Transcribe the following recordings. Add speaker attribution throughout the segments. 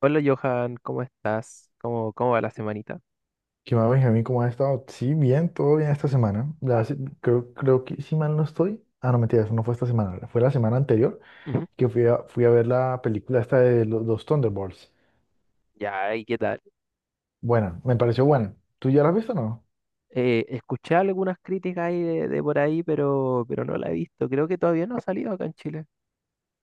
Speaker 1: Hola Johan, ¿cómo estás? ¿¿Cómo va la semanita?
Speaker 2: ¿Qué más, Benjamín? ¿Cómo has estado? Sí, bien, todo bien esta semana. Creo que si mal no estoy. Ah, no, mentira, eso no fue esta semana. Fue la semana anterior
Speaker 1: Ujú.
Speaker 2: que fui a ver la película esta de los, Thunderbolts.
Speaker 1: Ya, ¿y qué tal?
Speaker 2: Buena, me pareció buena. ¿Tú ya la has visto o no?
Speaker 1: Escuché algunas críticas ahí de por ahí, pero no la he visto. Creo que todavía no ha salido acá en Chile.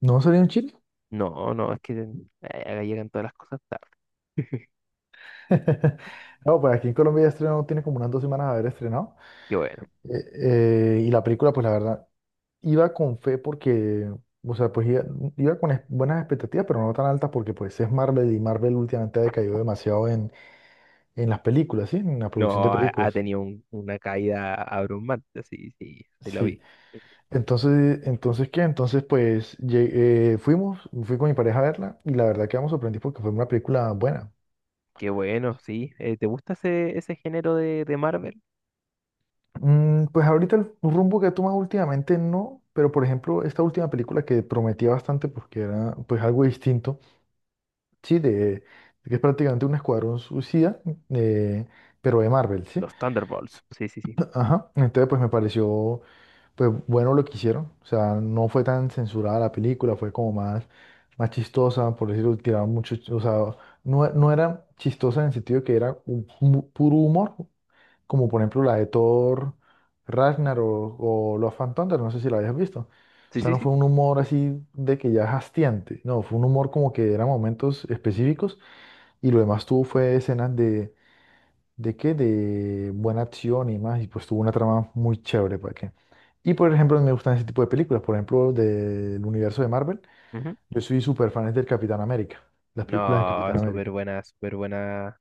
Speaker 2: ¿No salió en Chile?
Speaker 1: No, no, es que acá llegan todas las cosas tarde.
Speaker 2: No, pues aquí en Colombia ya estrenó, tiene como unas dos semanas de haber estrenado.
Speaker 1: Qué bueno.
Speaker 2: Eh, y la película, pues la verdad, iba con fe porque, o sea, pues iba, iba con buenas expectativas, pero no tan altas porque pues es Marvel y Marvel últimamente ha decaído demasiado en las películas, ¿sí? En la producción de
Speaker 1: No, ha
Speaker 2: películas.
Speaker 1: tenido una caída abrumante, sí, sí, sí la vi.
Speaker 2: Sí. Entonces ¿qué? Entonces, pues, fui con mi pareja a verla y la verdad quedamos sorprendidos porque fue una película buena.
Speaker 1: Qué bueno, sí. ¿Te gusta ese género de Marvel?
Speaker 2: Mm, pues ahorita el rumbo que he tomado últimamente no, pero por ejemplo, esta última película que prometía bastante porque era pues algo distinto, sí, de que es prácticamente un escuadrón suicida, eh, pero de Marvel, ¿sí?
Speaker 1: Los Thunderbolts. Sí, sí, sí.
Speaker 2: Ajá. Entonces, pues me pareció. Pues bueno lo que hicieron. O sea, no fue tan censurada la película, fue como más, más chistosa, por decirlo, tiraron mucho, o sea, no era chistosa en el sentido que era un puro humor, como por ejemplo la de Thor, Ragnar o Love and Thunder, no sé si la habías visto. O
Speaker 1: Sí,
Speaker 2: sea,
Speaker 1: sí,
Speaker 2: no
Speaker 1: sí.
Speaker 2: fue un humor así de que ya es hastiante, no, fue un humor como que eran momentos específicos y lo demás tuvo fue escenas. ¿De qué? De buena acción y más. Y pues tuvo una trama muy chévere, ¿para qué? Y por ejemplo, me gustan ese tipo de películas. Por ejemplo, del universo de Marvel.
Speaker 1: Ujú.
Speaker 2: Yo soy súper fan del Capitán América. Las películas de
Speaker 1: No,
Speaker 2: Capitán
Speaker 1: súper
Speaker 2: América.
Speaker 1: buena, súper buena.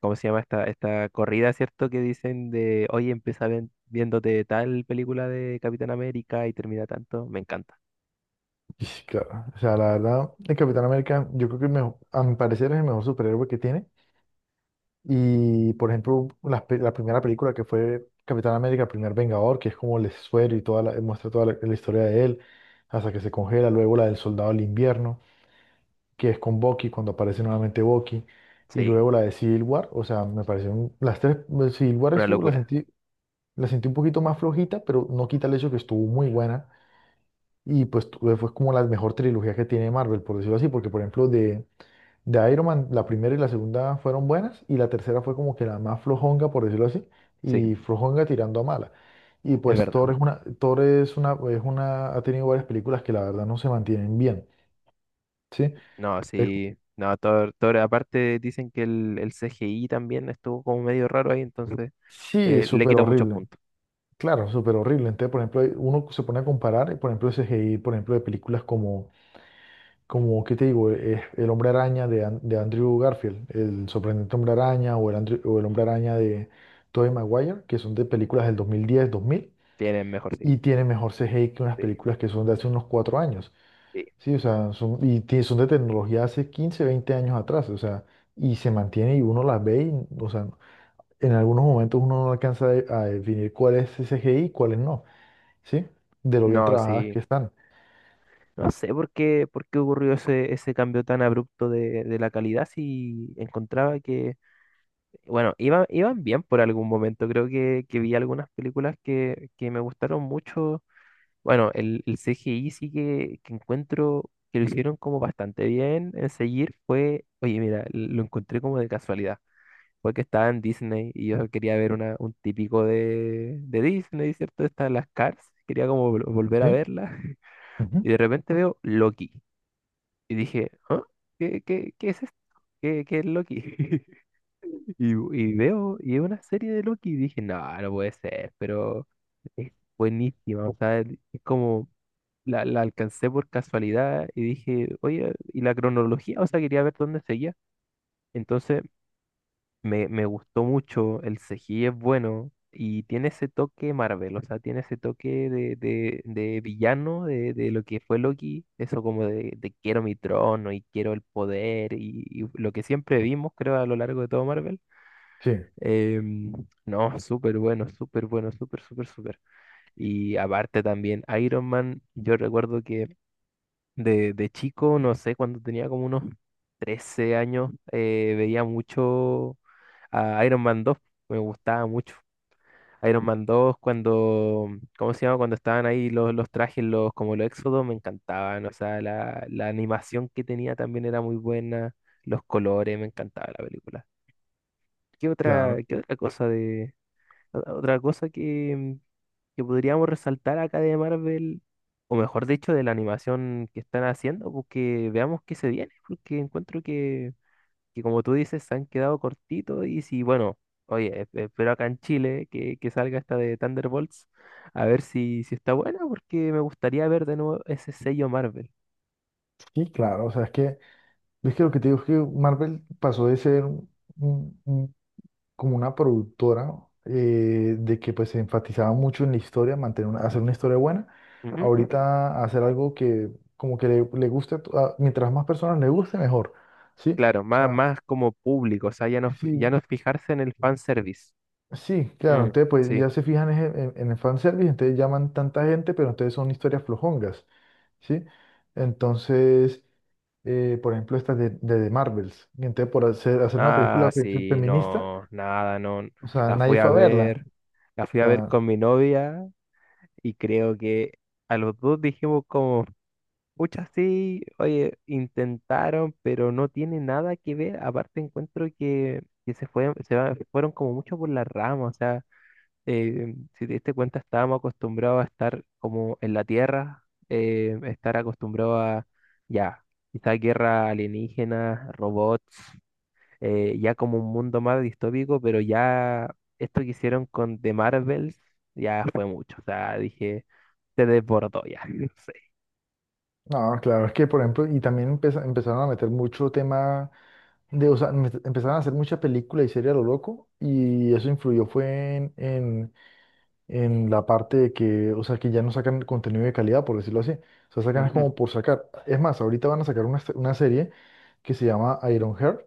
Speaker 1: ¿Cómo se llama esta corrida, cierto? Que dicen de, oye, empieza viéndote tal película de Capitán América y termina tanto. Me encanta.
Speaker 2: Y sí, claro, o sea, la verdad, el Capitán América, yo creo que el a mi parecer es el mejor superhéroe que tiene. Y por ejemplo, la primera película que fue Capitán América, el primer Vengador, que es como el suero y toda la, muestra toda la historia de él, hasta que se congela, luego la del Soldado del Invierno, que es con Bucky, cuando aparece nuevamente Bucky, y
Speaker 1: Sí,
Speaker 2: luego la de Civil War. O sea, me parecieron las tres, Civil War
Speaker 1: una
Speaker 2: estuvo,
Speaker 1: locura.
Speaker 2: la sentí un poquito más flojita, pero no quita el hecho que estuvo muy buena, y pues fue como la mejor trilogía que tiene Marvel, por decirlo así, porque por ejemplo de Iron Man, la primera y la segunda fueron buenas, y la tercera fue como que la más flojonga, por decirlo así,
Speaker 1: Sí,
Speaker 2: y flojonga tirando a mala. Y
Speaker 1: es
Speaker 2: pues
Speaker 1: verdad.
Speaker 2: Thor es una, ha tenido varias películas que la verdad no se mantienen bien, ¿sí?
Speaker 1: No,
Speaker 2: Es-
Speaker 1: sí. No, Thor, Thor, aparte dicen que el CGI también estuvo como medio raro ahí, entonces
Speaker 2: Sí, es
Speaker 1: le
Speaker 2: súper
Speaker 1: quito muchos
Speaker 2: horrible.
Speaker 1: puntos.
Speaker 2: Claro, súper horrible. Entonces, por ejemplo, uno se pone a comparar, y, por ejemplo, el CGI, por ejemplo, de películas como, como ¿qué te digo? Es El Hombre Araña de, de Andrew Garfield, El Sorprendente Hombre Araña o El, o el Hombre Araña de Tobey Maguire, que son de películas del 2010, 2000,
Speaker 1: Tienen mejor, sí,
Speaker 2: y tiene mejor CGI que unas
Speaker 1: sí,
Speaker 2: películas que son de hace unos cuatro años.
Speaker 1: sí.
Speaker 2: Sí, o sea, y son de tecnología hace 15, 20 años atrás, o sea, y se mantiene y uno las ve y, o sea, en algunos momentos uno no alcanza a definir cuál es CGI y cuál es no. ¿Sí? De lo bien
Speaker 1: No,
Speaker 2: trabajadas
Speaker 1: sí.
Speaker 2: que están.
Speaker 1: No sé por qué ocurrió ese cambio tan abrupto de la calidad si encontraba que bueno, iban bien por algún momento. Creo que vi algunas películas que me gustaron mucho. Bueno, el CGI sí que encuentro que lo hicieron como bastante bien en seguir fue, oye, mira, lo encontré como de casualidad. Fue que estaba en Disney y yo quería ver una, un típico de Disney, ¿cierto? Están las Cars, quería como volver a
Speaker 2: ¿Sí?
Speaker 1: verla.
Speaker 2: Ujú.
Speaker 1: Y de repente veo Loki. Y dije, ¿ah? ¿Qué, qué, qué es esto? ¿Qué, qué es Loki? Y, y veo, y es una serie de Loki, y dije, no, no puede ser, pero es buenísima, o sea, es como, la alcancé por casualidad y dije, oye, y la cronología, o sea, quería ver dónde seguía. Entonces, me gustó mucho, el CGI es bueno y tiene ese toque Marvel, o sea, tiene ese toque de villano, de lo que fue Loki, eso como de quiero mi trono y quiero el poder y lo que siempre vimos, creo, a lo largo de todo Marvel.
Speaker 2: Sí,
Speaker 1: Em, no, súper bueno, súper bueno, súper, súper, súper. Y aparte también, Iron Man, yo recuerdo que de chico, no sé, cuando tenía como unos 13 años, veía mucho a Iron Man dos, me gustaba mucho. Iron Man dos cuando, ¿cómo se llama? Cuando estaban ahí los trajes, los, como los Éxodos, me encantaban. O sea, la animación que tenía también era muy buena, los colores, me encantaba la película.
Speaker 2: claro,
Speaker 1: Qué otra cosa de, otra cosa que podríamos resaltar acá de Marvel, o mejor dicho, de la animación que están haciendo, porque veamos qué se viene, porque encuentro que como tú dices, se han quedado cortitos y si, bueno, oye, espero acá en Chile que salga esta de Thunderbolts, a ver si, si está buena, porque me gustaría ver de nuevo ese sello Marvel.
Speaker 2: sí, claro, o sea, es que lo que te digo es que Marvel pasó de ser un- un- como una productora, de que pues se enfatizaba mucho en la historia, mantener hacer una historia buena,
Speaker 1: Ujú.
Speaker 2: ahorita hacer algo que como que le guste, mientras más personas le guste, mejor, ¿sí?
Speaker 1: Claro,
Speaker 2: O
Speaker 1: más,
Speaker 2: sea,
Speaker 1: más como público, o sea, ya no, ya
Speaker 2: sí.
Speaker 1: no fijarse en el fanservice.
Speaker 2: Sí, claro,
Speaker 1: Mm,
Speaker 2: entonces pues
Speaker 1: sí.
Speaker 2: ya se fijan es en el fanservice, entonces llaman tanta gente, pero entonces son historias flojongas, ¿sí? Entonces, por ejemplo, estas de The Marvels, y entonces por hacer una
Speaker 1: Ah,
Speaker 2: película
Speaker 1: sí,
Speaker 2: feminista,
Speaker 1: no, nada, no.
Speaker 2: o sea,
Speaker 1: La
Speaker 2: nadie
Speaker 1: fui a
Speaker 2: fue a verla.
Speaker 1: ver, la fui
Speaker 2: O
Speaker 1: a ver
Speaker 2: sea,
Speaker 1: con mi novia y creo que a los dos dijimos como, pucha, sí, oye, intentaron, pero no tiene nada que ver. Aparte encuentro que se fue, fueron como mucho por la rama, o sea, si te diste cuenta, estábamos acostumbrados a estar como en la tierra, estar acostumbrados a, ya, quizás guerra alienígena, robots, ya como un mundo más distópico, pero ya esto que hicieron con The Marvels ya fue mucho, o sea, dije, se desbordó ya, no sé.
Speaker 2: no, claro, es que, por ejemplo, y también empezaron a meter mucho tema de, o sea, empezaron a hacer mucha película y serie a lo loco, y eso influyó fue en la parte de que, o sea, que ya no sacan contenido de calidad, por decirlo así. O sea, sacan es
Speaker 1: Ujú.
Speaker 2: como por sacar. Es más, ahorita van a sacar una serie que se llama Ironheart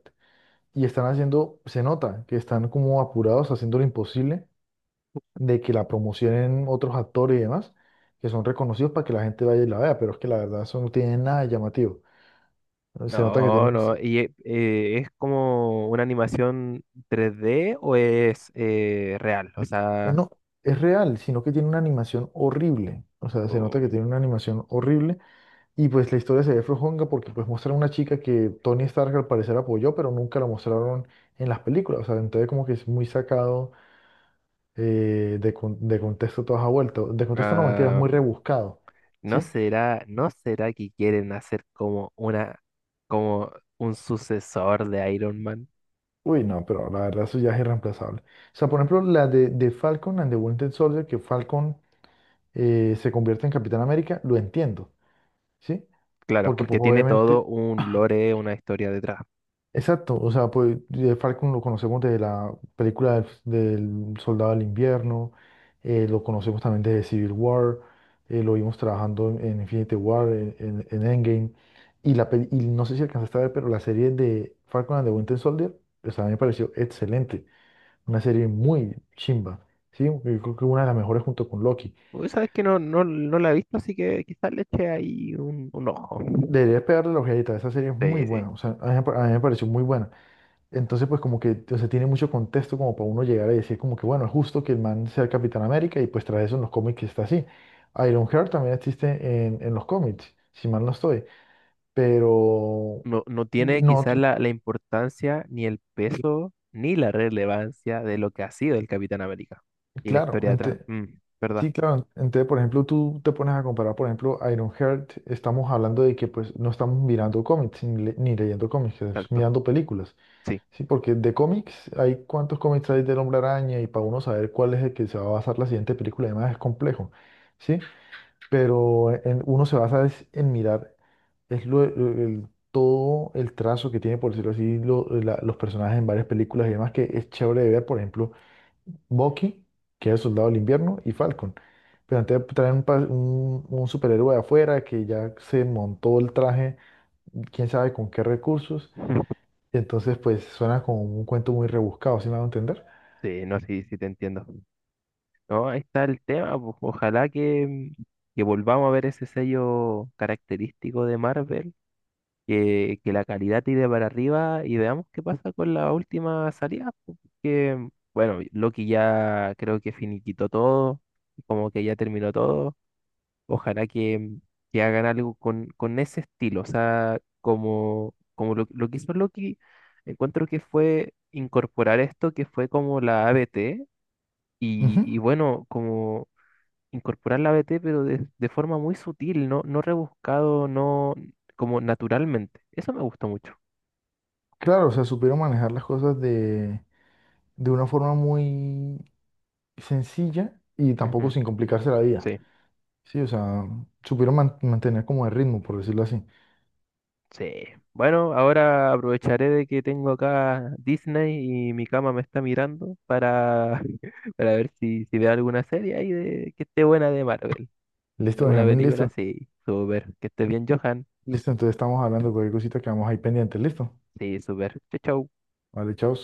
Speaker 2: y están haciendo, se nota que están como apurados, haciendo lo imposible de que la promocionen otros actores y demás, que son reconocidos para que la gente vaya y la vea, pero es que la verdad eso no tiene nada de llamativo. Se nota que
Speaker 1: No,
Speaker 2: tienen,
Speaker 1: no, y es como una animación 3D o es real, o sea,
Speaker 2: no, es real, sino que tiene una animación horrible. O sea, se nota
Speaker 1: o-
Speaker 2: que tiene una animación horrible. Y pues la historia se ve flojonga porque pues muestran una chica que Tony Stark al parecer apoyó, pero nunca la mostraron en las películas. O sea, entonces como que es muy sacado, de contexto toda esa vuelta. De contexto no mentiras,
Speaker 1: ah,
Speaker 2: muy rebuscado.
Speaker 1: no
Speaker 2: ¿Sí?
Speaker 1: será, no será que quieren hacer como una, como un sucesor de Iron Man,
Speaker 2: Uy, no, pero la verdad eso ya es irreemplazable. O sea, por ejemplo, la de Falcon and the Winter Soldier, que Falcon, se convierte en Capitán América, lo entiendo. ¿Sí?
Speaker 1: claro,
Speaker 2: Porque
Speaker 1: porque
Speaker 2: pues
Speaker 1: tiene todo
Speaker 2: obviamente
Speaker 1: un lore, una historia detrás.
Speaker 2: exacto, o sea, pues de Falcon lo conocemos de la película del, del Soldado del Invierno, lo conocemos también de Civil War, lo vimos trabajando en Infinity War, en Endgame, y, y no sé si alcanzaste a ver, pero la serie de Falcon and the Winter Soldier, pues a mí me pareció excelente, una serie muy chimba, ¿sí? Yo creo que una de las mejores junto con Loki.
Speaker 1: Uy, sabes que no, no, no la he visto, así que quizás le eche ahí un ojo.
Speaker 2: Deberías pegarle la ojeadita, esa serie es muy
Speaker 1: Sí, sí.
Speaker 2: buena, o sea, a mí me pareció muy buena. Entonces, pues como que, o sea, tiene mucho contexto como para uno llegar a decir como que, bueno, es justo que el man sea el Capitán América y pues tras eso en los cómics está así. Ironheart también existe en los cómics, si mal no estoy, pero
Speaker 1: No, no tiene
Speaker 2: no,
Speaker 1: quizás la importancia, ni el peso, ni la relevancia de lo que ha sido el Capitán América. Y la
Speaker 2: claro,
Speaker 1: historia detrás. Mm, ¿verdad?
Speaker 2: sí, claro, entonces, por ejemplo, tú te pones a comparar, por ejemplo, Ironheart, estamos hablando de que pues no estamos mirando cómics ni, ni leyendo cómics, es
Speaker 1: Exacto.
Speaker 2: mirando películas.
Speaker 1: Sí.
Speaker 2: Sí, porque de cómics, ¿hay cuántos cómics hay del Hombre Araña? Y para uno saber cuál es el que se va a basar la siguiente película, además es complejo, ¿sí? Pero uno se basa es en mirar es todo el trazo que tiene, por decirlo así, los personajes en varias películas y demás, que es chévere de ver, por ejemplo, Bucky, que es el soldado del invierno, y Falcon. Pero antes traen un, un superhéroe de afuera que ya se montó el traje, quién sabe con qué recursos, y entonces, pues suena como un cuento muy rebuscado, ¿sí me van a entender?
Speaker 1: Sí, no, sí, sí te entiendo. No, ahí está el tema, pues. Ojalá que volvamos a ver ese sello característico de Marvel, que la calidad tire para arriba y veamos qué pasa con la última salida, po, porque, bueno, Loki ya creo que finiquitó todo, como que ya terminó todo, ojalá que hagan algo con ese estilo, o sea, como, como lo que hizo Loki, encuentro que fue incorporar esto que fue como la ABT,
Speaker 2: Ujú.
Speaker 1: y bueno, como... incorporar la ABT pero de forma muy sutil, no, no rebuscado, no, como naturalmente. Eso me gustó mucho.
Speaker 2: Claro, o sea, supieron manejar las cosas de una forma muy sencilla y tampoco
Speaker 1: Ujú,
Speaker 2: sin complicarse la vida.
Speaker 1: sí,
Speaker 2: Sí, o sea, mantener como el ritmo, por decirlo así.
Speaker 1: sí. Bueno, ahora aprovecharé de que tengo acá Disney y mi cama me está mirando para, para ver si, si veo alguna serie ahí de, que esté buena de Marvel.
Speaker 2: Listo,
Speaker 1: ¿Alguna
Speaker 2: Benjamín,
Speaker 1: película?
Speaker 2: listo.
Speaker 1: Sí, súper. Que esté bien, Johan.
Speaker 2: Listo, entonces estamos hablando de cualquier cosita que vamos ahí pendiente. Listo.
Speaker 1: Sí, súper. Chau, chau.
Speaker 2: Vale, chao.